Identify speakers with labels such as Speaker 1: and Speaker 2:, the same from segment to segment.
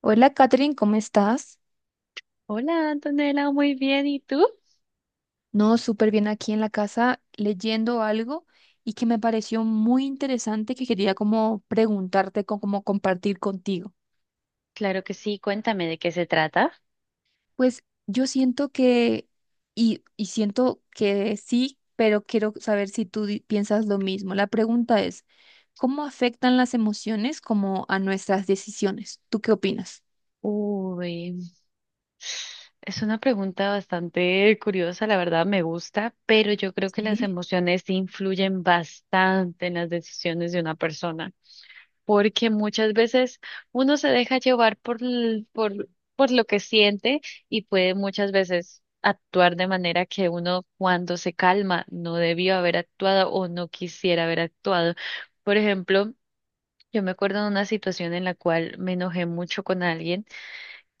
Speaker 1: Hola, Catherine, ¿cómo estás?
Speaker 2: Hola, Antonella, muy bien. ¿Y tú?
Speaker 1: No, súper bien aquí en la casa leyendo algo y que me pareció muy interesante que quería como preguntarte, como compartir contigo.
Speaker 2: Claro que sí, cuéntame de qué se trata.
Speaker 1: Pues yo siento que, y siento que sí, pero quiero saber si tú piensas lo mismo. La pregunta es, ¿cómo afectan las emociones como a nuestras decisiones? ¿Tú qué opinas?
Speaker 2: Uy, es una pregunta bastante curiosa, la verdad me gusta, pero yo creo que las
Speaker 1: Sí,
Speaker 2: emociones influyen bastante en las decisiones de una persona, porque muchas veces uno se deja llevar por lo que siente y puede muchas veces actuar de manera que uno cuando se calma no debió haber actuado o no quisiera haber actuado. Por ejemplo, yo me acuerdo de una situación en la cual me enojé mucho con alguien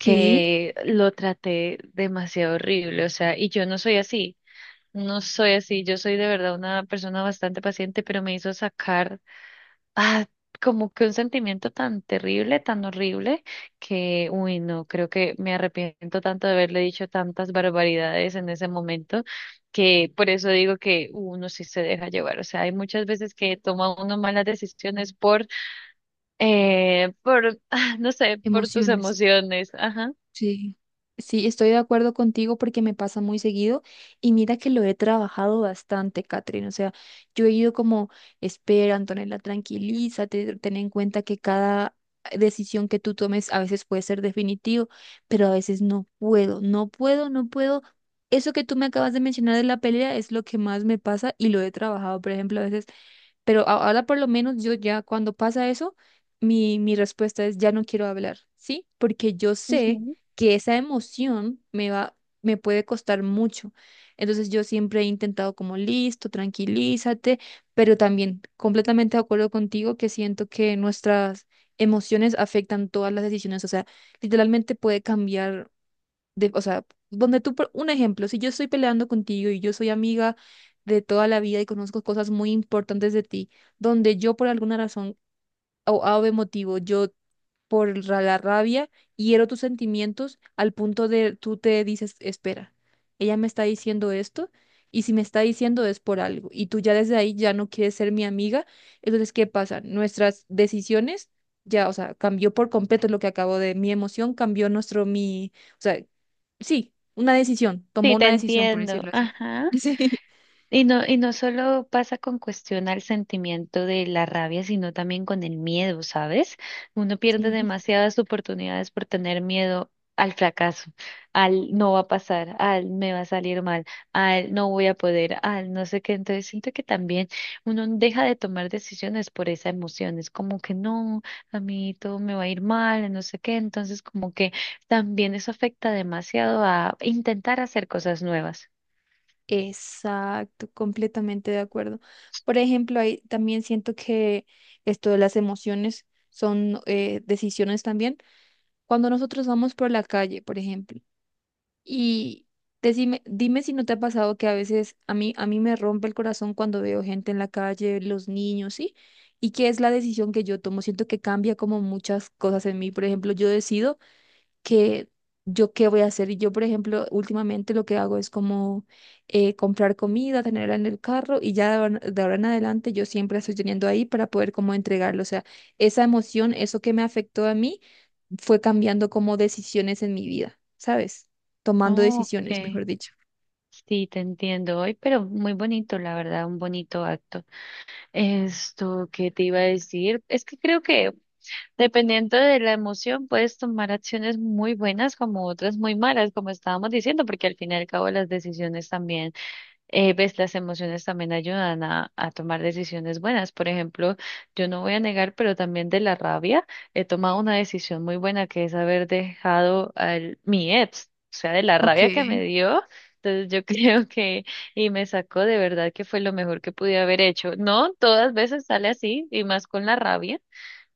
Speaker 1: sí,
Speaker 2: lo traté demasiado horrible, o sea, y yo no soy así, no soy así, yo soy de verdad una persona bastante paciente, pero me hizo sacar ah, como que un sentimiento tan terrible, tan horrible, que, uy, no, creo que me arrepiento tanto de haberle dicho tantas barbaridades en ese momento, que por eso digo que uno sí se deja llevar, o sea, hay muchas veces que toma uno malas decisiones por no sé, por tus
Speaker 1: emociones.
Speaker 2: emociones. Ajá.
Speaker 1: Sí, sí, estoy de acuerdo contigo porque me pasa muy seguido y mira que lo he trabajado bastante, Catherine. O sea, yo he ido como, espera, Antonella, tranquilízate, ten en cuenta que cada decisión que tú tomes a veces puede ser definitivo, pero a veces no puedo, no puedo, no puedo. Eso que tú me acabas de mencionar de la pelea es lo que más me pasa y lo he trabajado. Por ejemplo, a veces ahora por lo menos yo ya cuando pasa eso, mi respuesta es ya no quiero hablar, ¿sí? Porque yo sé
Speaker 2: Ujú.
Speaker 1: que esa emoción me va, me puede costar mucho. Entonces yo siempre he intentado como listo, tranquilízate, pero también completamente de acuerdo contigo que siento que nuestras emociones afectan todas las decisiones. O sea, literalmente puede cambiar o sea, donde tú, por un ejemplo, si yo estoy peleando contigo y yo soy amiga de toda la vida y conozco cosas muy importantes de ti, donde yo por alguna razón o A o B motivo, yo la rabia, hiero tus sentimientos al punto de tú te dices, espera, ella me está diciendo esto y si me está diciendo es por algo y tú ya desde ahí ya no quieres ser mi amiga, entonces ¿qué pasa? Nuestras decisiones ya, o sea, cambió por completo lo que acabo de, mi emoción cambió nuestro, mi, o sea, sí, una decisión, tomó
Speaker 2: Sí, te
Speaker 1: una decisión por
Speaker 2: entiendo.
Speaker 1: decirlo así.
Speaker 2: Ajá.
Speaker 1: Sí.
Speaker 2: Y no solo pasa con cuestión al sentimiento de la rabia, sino también con el miedo, ¿sabes? Uno pierde
Speaker 1: Sí.
Speaker 2: demasiadas oportunidades por tener miedo al fracaso, al no va a pasar, al me va a salir mal, al no voy a poder, al no sé qué. Entonces siento que también uno deja de tomar decisiones por esa emoción. Es como que no, a mí todo me va a ir mal, no sé qué. Entonces como que también eso afecta demasiado a intentar hacer cosas nuevas.
Speaker 1: Exacto, completamente de acuerdo. Por ejemplo, ahí también siento que esto de las emociones son decisiones también. Cuando nosotros vamos por la calle, por ejemplo, y decime, dime si no te ha pasado que a veces a mí me rompe el corazón cuando veo gente en la calle, los niños, ¿sí? ¿Y qué es la decisión que yo tomo? Siento que cambia como muchas cosas en mí. Por ejemplo, yo decido que yo qué voy a hacer. Y yo, por ejemplo, últimamente lo que hago es como comprar comida, tenerla en el carro y ya de ahora en adelante yo siempre la estoy teniendo ahí para poder como entregarlo. O sea, esa emoción, eso que me afectó a mí, fue cambiando como decisiones en mi vida, ¿sabes? Tomando
Speaker 2: Ok.
Speaker 1: decisiones, mejor dicho.
Speaker 2: Sí, te entiendo hoy, pero muy bonito, la verdad, un bonito acto. Esto que te iba a decir, es que creo que dependiendo de la emoción puedes tomar acciones muy buenas como otras muy malas, como estábamos diciendo, porque al fin y al cabo las decisiones también ves, las emociones también ayudan a tomar decisiones buenas. Por ejemplo, yo no voy a negar, pero también de la rabia he tomado una decisión muy buena que es haber dejado a mi ex, o sea, de la
Speaker 1: Ok,
Speaker 2: rabia que me dio. Entonces yo creo que, y me sacó de verdad que fue lo mejor que pude haber hecho. No todas veces sale así, y más con la rabia,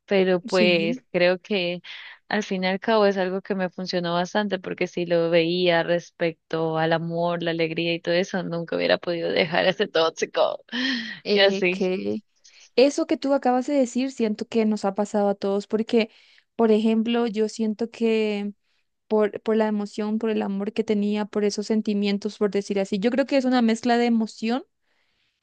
Speaker 2: pero pues
Speaker 1: sí.
Speaker 2: creo que al fin y al cabo es algo que me funcionó bastante porque si lo veía respecto al amor, la alegría y todo eso, nunca hubiera podido dejar ese tóxico y
Speaker 1: eh,
Speaker 2: así.
Speaker 1: que eso que tú acabas de decir siento que nos ha pasado a todos porque, por ejemplo, yo siento que por la emoción, por el amor que tenía, por esos sentimientos, por decir así. Yo creo que es una mezcla de emoción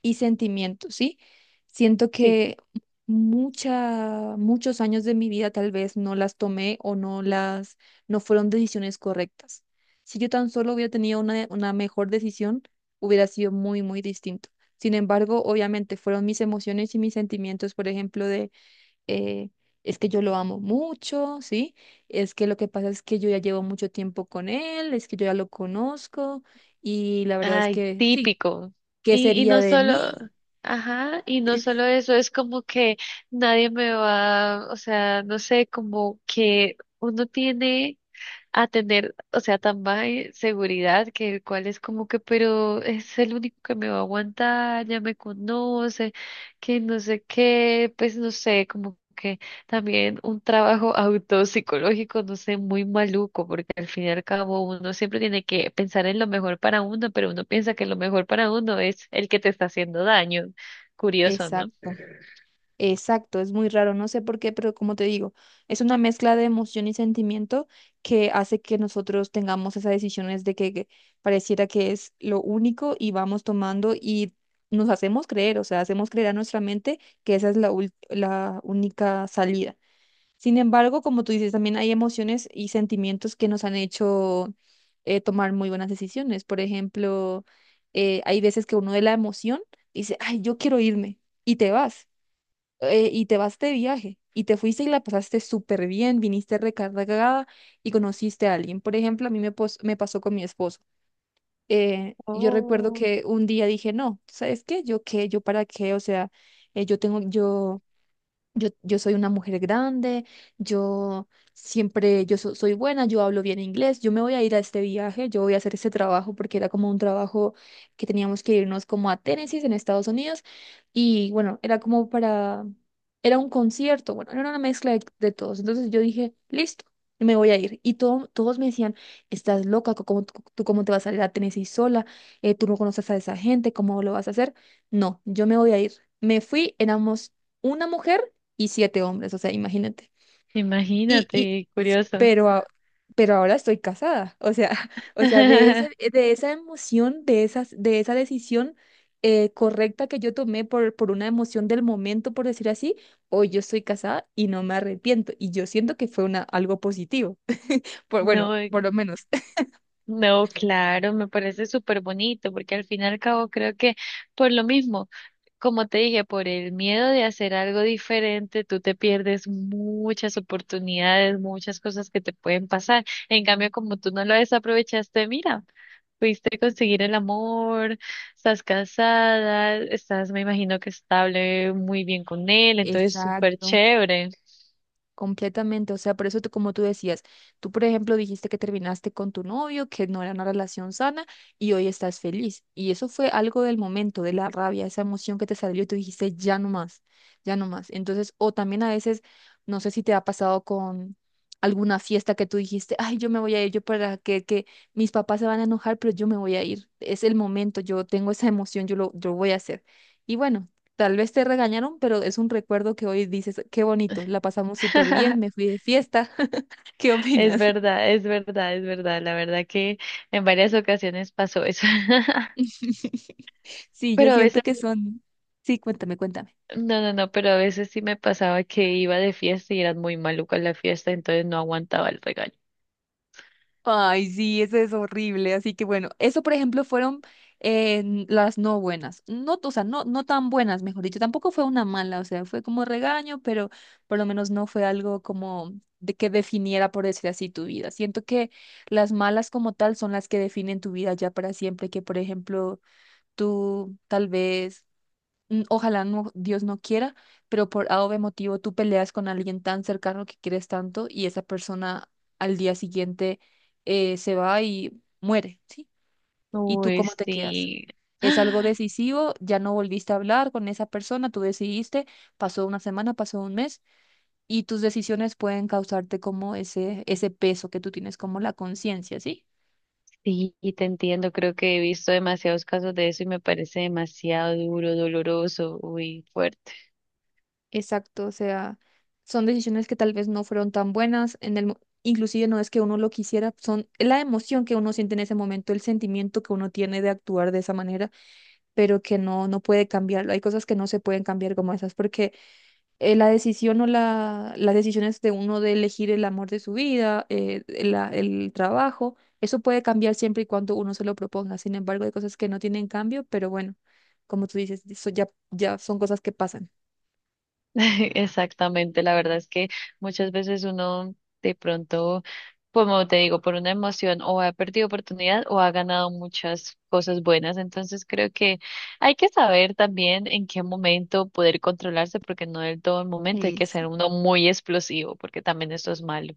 Speaker 1: y sentimiento, ¿sí? Siento
Speaker 2: Sí.
Speaker 1: que muchos años de mi vida tal vez no las tomé o no las, no fueron decisiones correctas. Si yo tan solo hubiera tenido una mejor decisión, hubiera sido muy distinto. Sin embargo, obviamente fueron mis emociones y mis sentimientos, por ejemplo, de eh, es que yo lo amo mucho, ¿sí? Es que lo que pasa es que yo ya llevo mucho tiempo con él, es que yo ya lo conozco y la verdad es
Speaker 2: Ay,
Speaker 1: que sí,
Speaker 2: típico.
Speaker 1: ¿qué
Speaker 2: Y
Speaker 1: sería
Speaker 2: no
Speaker 1: de mí?
Speaker 2: solo, ajá, y no solo eso, es como que nadie me va, o sea, no sé, como que uno tiene a tener, o sea, tan baja seguridad que el cual es como que, pero es el único que me va a aguantar, ya me conoce, que no sé qué, pues no sé, como que también un trabajo autopsicológico, no sé, muy maluco, porque al fin y al cabo uno siempre tiene que pensar en lo mejor para uno, pero uno piensa que lo mejor para uno es el que te está haciendo daño. Curioso, ¿no?
Speaker 1: Exacto, exacto, es muy raro, no sé por qué, pero como te digo, es una mezcla de emoción y sentimiento que hace que nosotros tengamos esas decisiones de que pareciera que es lo único y vamos tomando y nos hacemos creer, o sea, hacemos creer a nuestra mente que esa es la única salida. Sin embargo, como tú dices, también hay emociones y sentimientos que nos han hecho tomar muy buenas decisiones. Por ejemplo, hay veces que uno de la emoción dice, ay, yo quiero irme, y te vas, y te vas de viaje, y te fuiste y la pasaste súper bien, viniste recargada y conociste a alguien. Por ejemplo, a mí me, pos- me pasó con mi esposo. Yo recuerdo
Speaker 2: Oh.
Speaker 1: que un día dije, no, ¿sabes qué? ¿Yo qué? ¿Yo para qué? O sea, eh, yo tengo, yo... Yo, yo soy una mujer grande, yo siempre, soy buena, yo hablo bien inglés, yo me voy a ir a este viaje, yo voy a hacer este trabajo porque era como un trabajo que teníamos que irnos como a Tennessee en Estados Unidos y bueno, era como para, era un concierto, bueno, era una mezcla de todos. Entonces yo dije, listo, me voy a ir. Y todos me decían, estás loca, ¿ tú cómo te vas a ir a Tennessee sola? Tú no conoces a esa gente, ¿cómo lo vas a hacer? No, yo me voy a ir. Me fui, éramos una mujer y siete hombres, o sea, imagínate. Y, y,
Speaker 2: Imagínate,
Speaker 1: es-
Speaker 2: curioso.
Speaker 1: pero, a- pero ahora estoy casada, o sea, o sea, de esa emoción, de esa decisión correcta que yo tomé por una emoción del momento, por decir así, hoy yo estoy casada y no me arrepiento, y yo siento que fue una, algo positivo, por, bueno,
Speaker 2: No,
Speaker 1: por lo menos.
Speaker 2: no, claro, me parece súper bonito, porque al fin y al cabo creo que por lo mismo, como te dije, por el miedo de hacer algo diferente, tú te pierdes muchas oportunidades, muchas cosas que te pueden pasar. En cambio, como tú no lo desaprovechaste, mira, pudiste conseguir el amor, estás casada, estás, me imagino que estable, muy bien con él, entonces súper
Speaker 1: Exacto.
Speaker 2: chévere.
Speaker 1: Completamente, o sea, por eso tú, como tú decías, tú por ejemplo dijiste que terminaste con tu novio, que no era una relación sana y hoy estás feliz. Y eso fue algo del momento, de la rabia, esa emoción que te salió y tú dijiste, ya no más, ya no más. Entonces, o también a veces, no sé si te ha pasado con alguna fiesta que tú dijiste, ay, yo me voy a ir, yo para que mis papás se van a enojar, pero yo me voy a ir. Es el momento, yo tengo esa emoción, yo voy a hacer. Y bueno. Tal vez te regañaron, pero es un recuerdo que hoy dices, qué bonito, la pasamos súper bien, me fui de fiesta. ¿Qué
Speaker 2: Es
Speaker 1: opinas?
Speaker 2: verdad, es verdad, es verdad, la verdad que en varias ocasiones pasó eso.
Speaker 1: Sí, yo
Speaker 2: Pero a
Speaker 1: siento
Speaker 2: veces,
Speaker 1: que son... Sí, cuéntame, cuéntame.
Speaker 2: no, no, no, pero a veces sí me pasaba que iba de fiesta y era muy maluca la fiesta, entonces no aguantaba el regaño.
Speaker 1: Ay, sí, eso es horrible. Así que bueno, eso por ejemplo fueron eh, las no buenas. No, o sea, no tan buenas, mejor dicho. Tampoco fue una mala, o sea, fue como regaño, pero por lo menos no fue algo como de que definiera, por decir así, tu vida. Siento que las malas como tal son las que definen tu vida ya para siempre, que por ejemplo tú tal vez, mm, ojalá no, Dios no quiera, pero por A o B motivo tú peleas con alguien tan cercano que quieres tanto y esa persona al día siguiente se va y muere, ¿sí? ¿Y tú
Speaker 2: Uy,
Speaker 1: cómo te quedas?
Speaker 2: sí.
Speaker 1: Es algo decisivo, ya no volviste a hablar con esa persona, tú decidiste, pasó una semana, pasó un mes y tus decisiones pueden causarte como ese peso que tú tienes como la conciencia, ¿sí?
Speaker 2: Sí, y te entiendo, creo que he visto demasiados casos de eso y me parece demasiado duro, doloroso, uy, fuerte.
Speaker 1: Exacto, o sea, son decisiones que tal vez no fueron tan buenas en inclusive no es que uno lo quisiera, son es la emoción que uno siente en ese momento, el sentimiento que uno tiene de actuar de esa manera, pero que no puede cambiarlo. Hay cosas que no se pueden cambiar como esas porque la decisión o la las decisiones de uno de elegir el amor de su vida, el trabajo, eso puede cambiar siempre y cuando uno se lo proponga. Sin embargo, hay cosas que no tienen cambio, pero bueno, como tú dices, eso ya son cosas que pasan.
Speaker 2: Exactamente, la verdad es que muchas veces uno de pronto, como te digo, por una emoción o ha perdido oportunidad o ha ganado muchas cosas buenas. Entonces creo que hay que saber también en qué momento poder controlarse, porque no del todo el momento hay que ser uno muy explosivo, porque también eso es malo.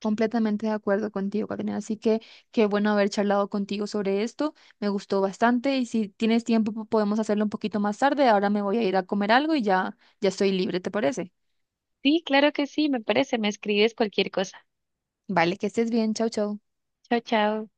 Speaker 1: Completamente de acuerdo contigo, Carolina. Así que qué bueno haber charlado contigo sobre esto. Me gustó bastante y si tienes tiempo podemos hacerlo un poquito más tarde. Ahora me voy a ir a comer algo y ya estoy libre, ¿te parece?
Speaker 2: Sí, claro que sí, me parece, me escribes cualquier cosa.
Speaker 1: Vale, que estés bien. Chau, chau.
Speaker 2: Chao, chao.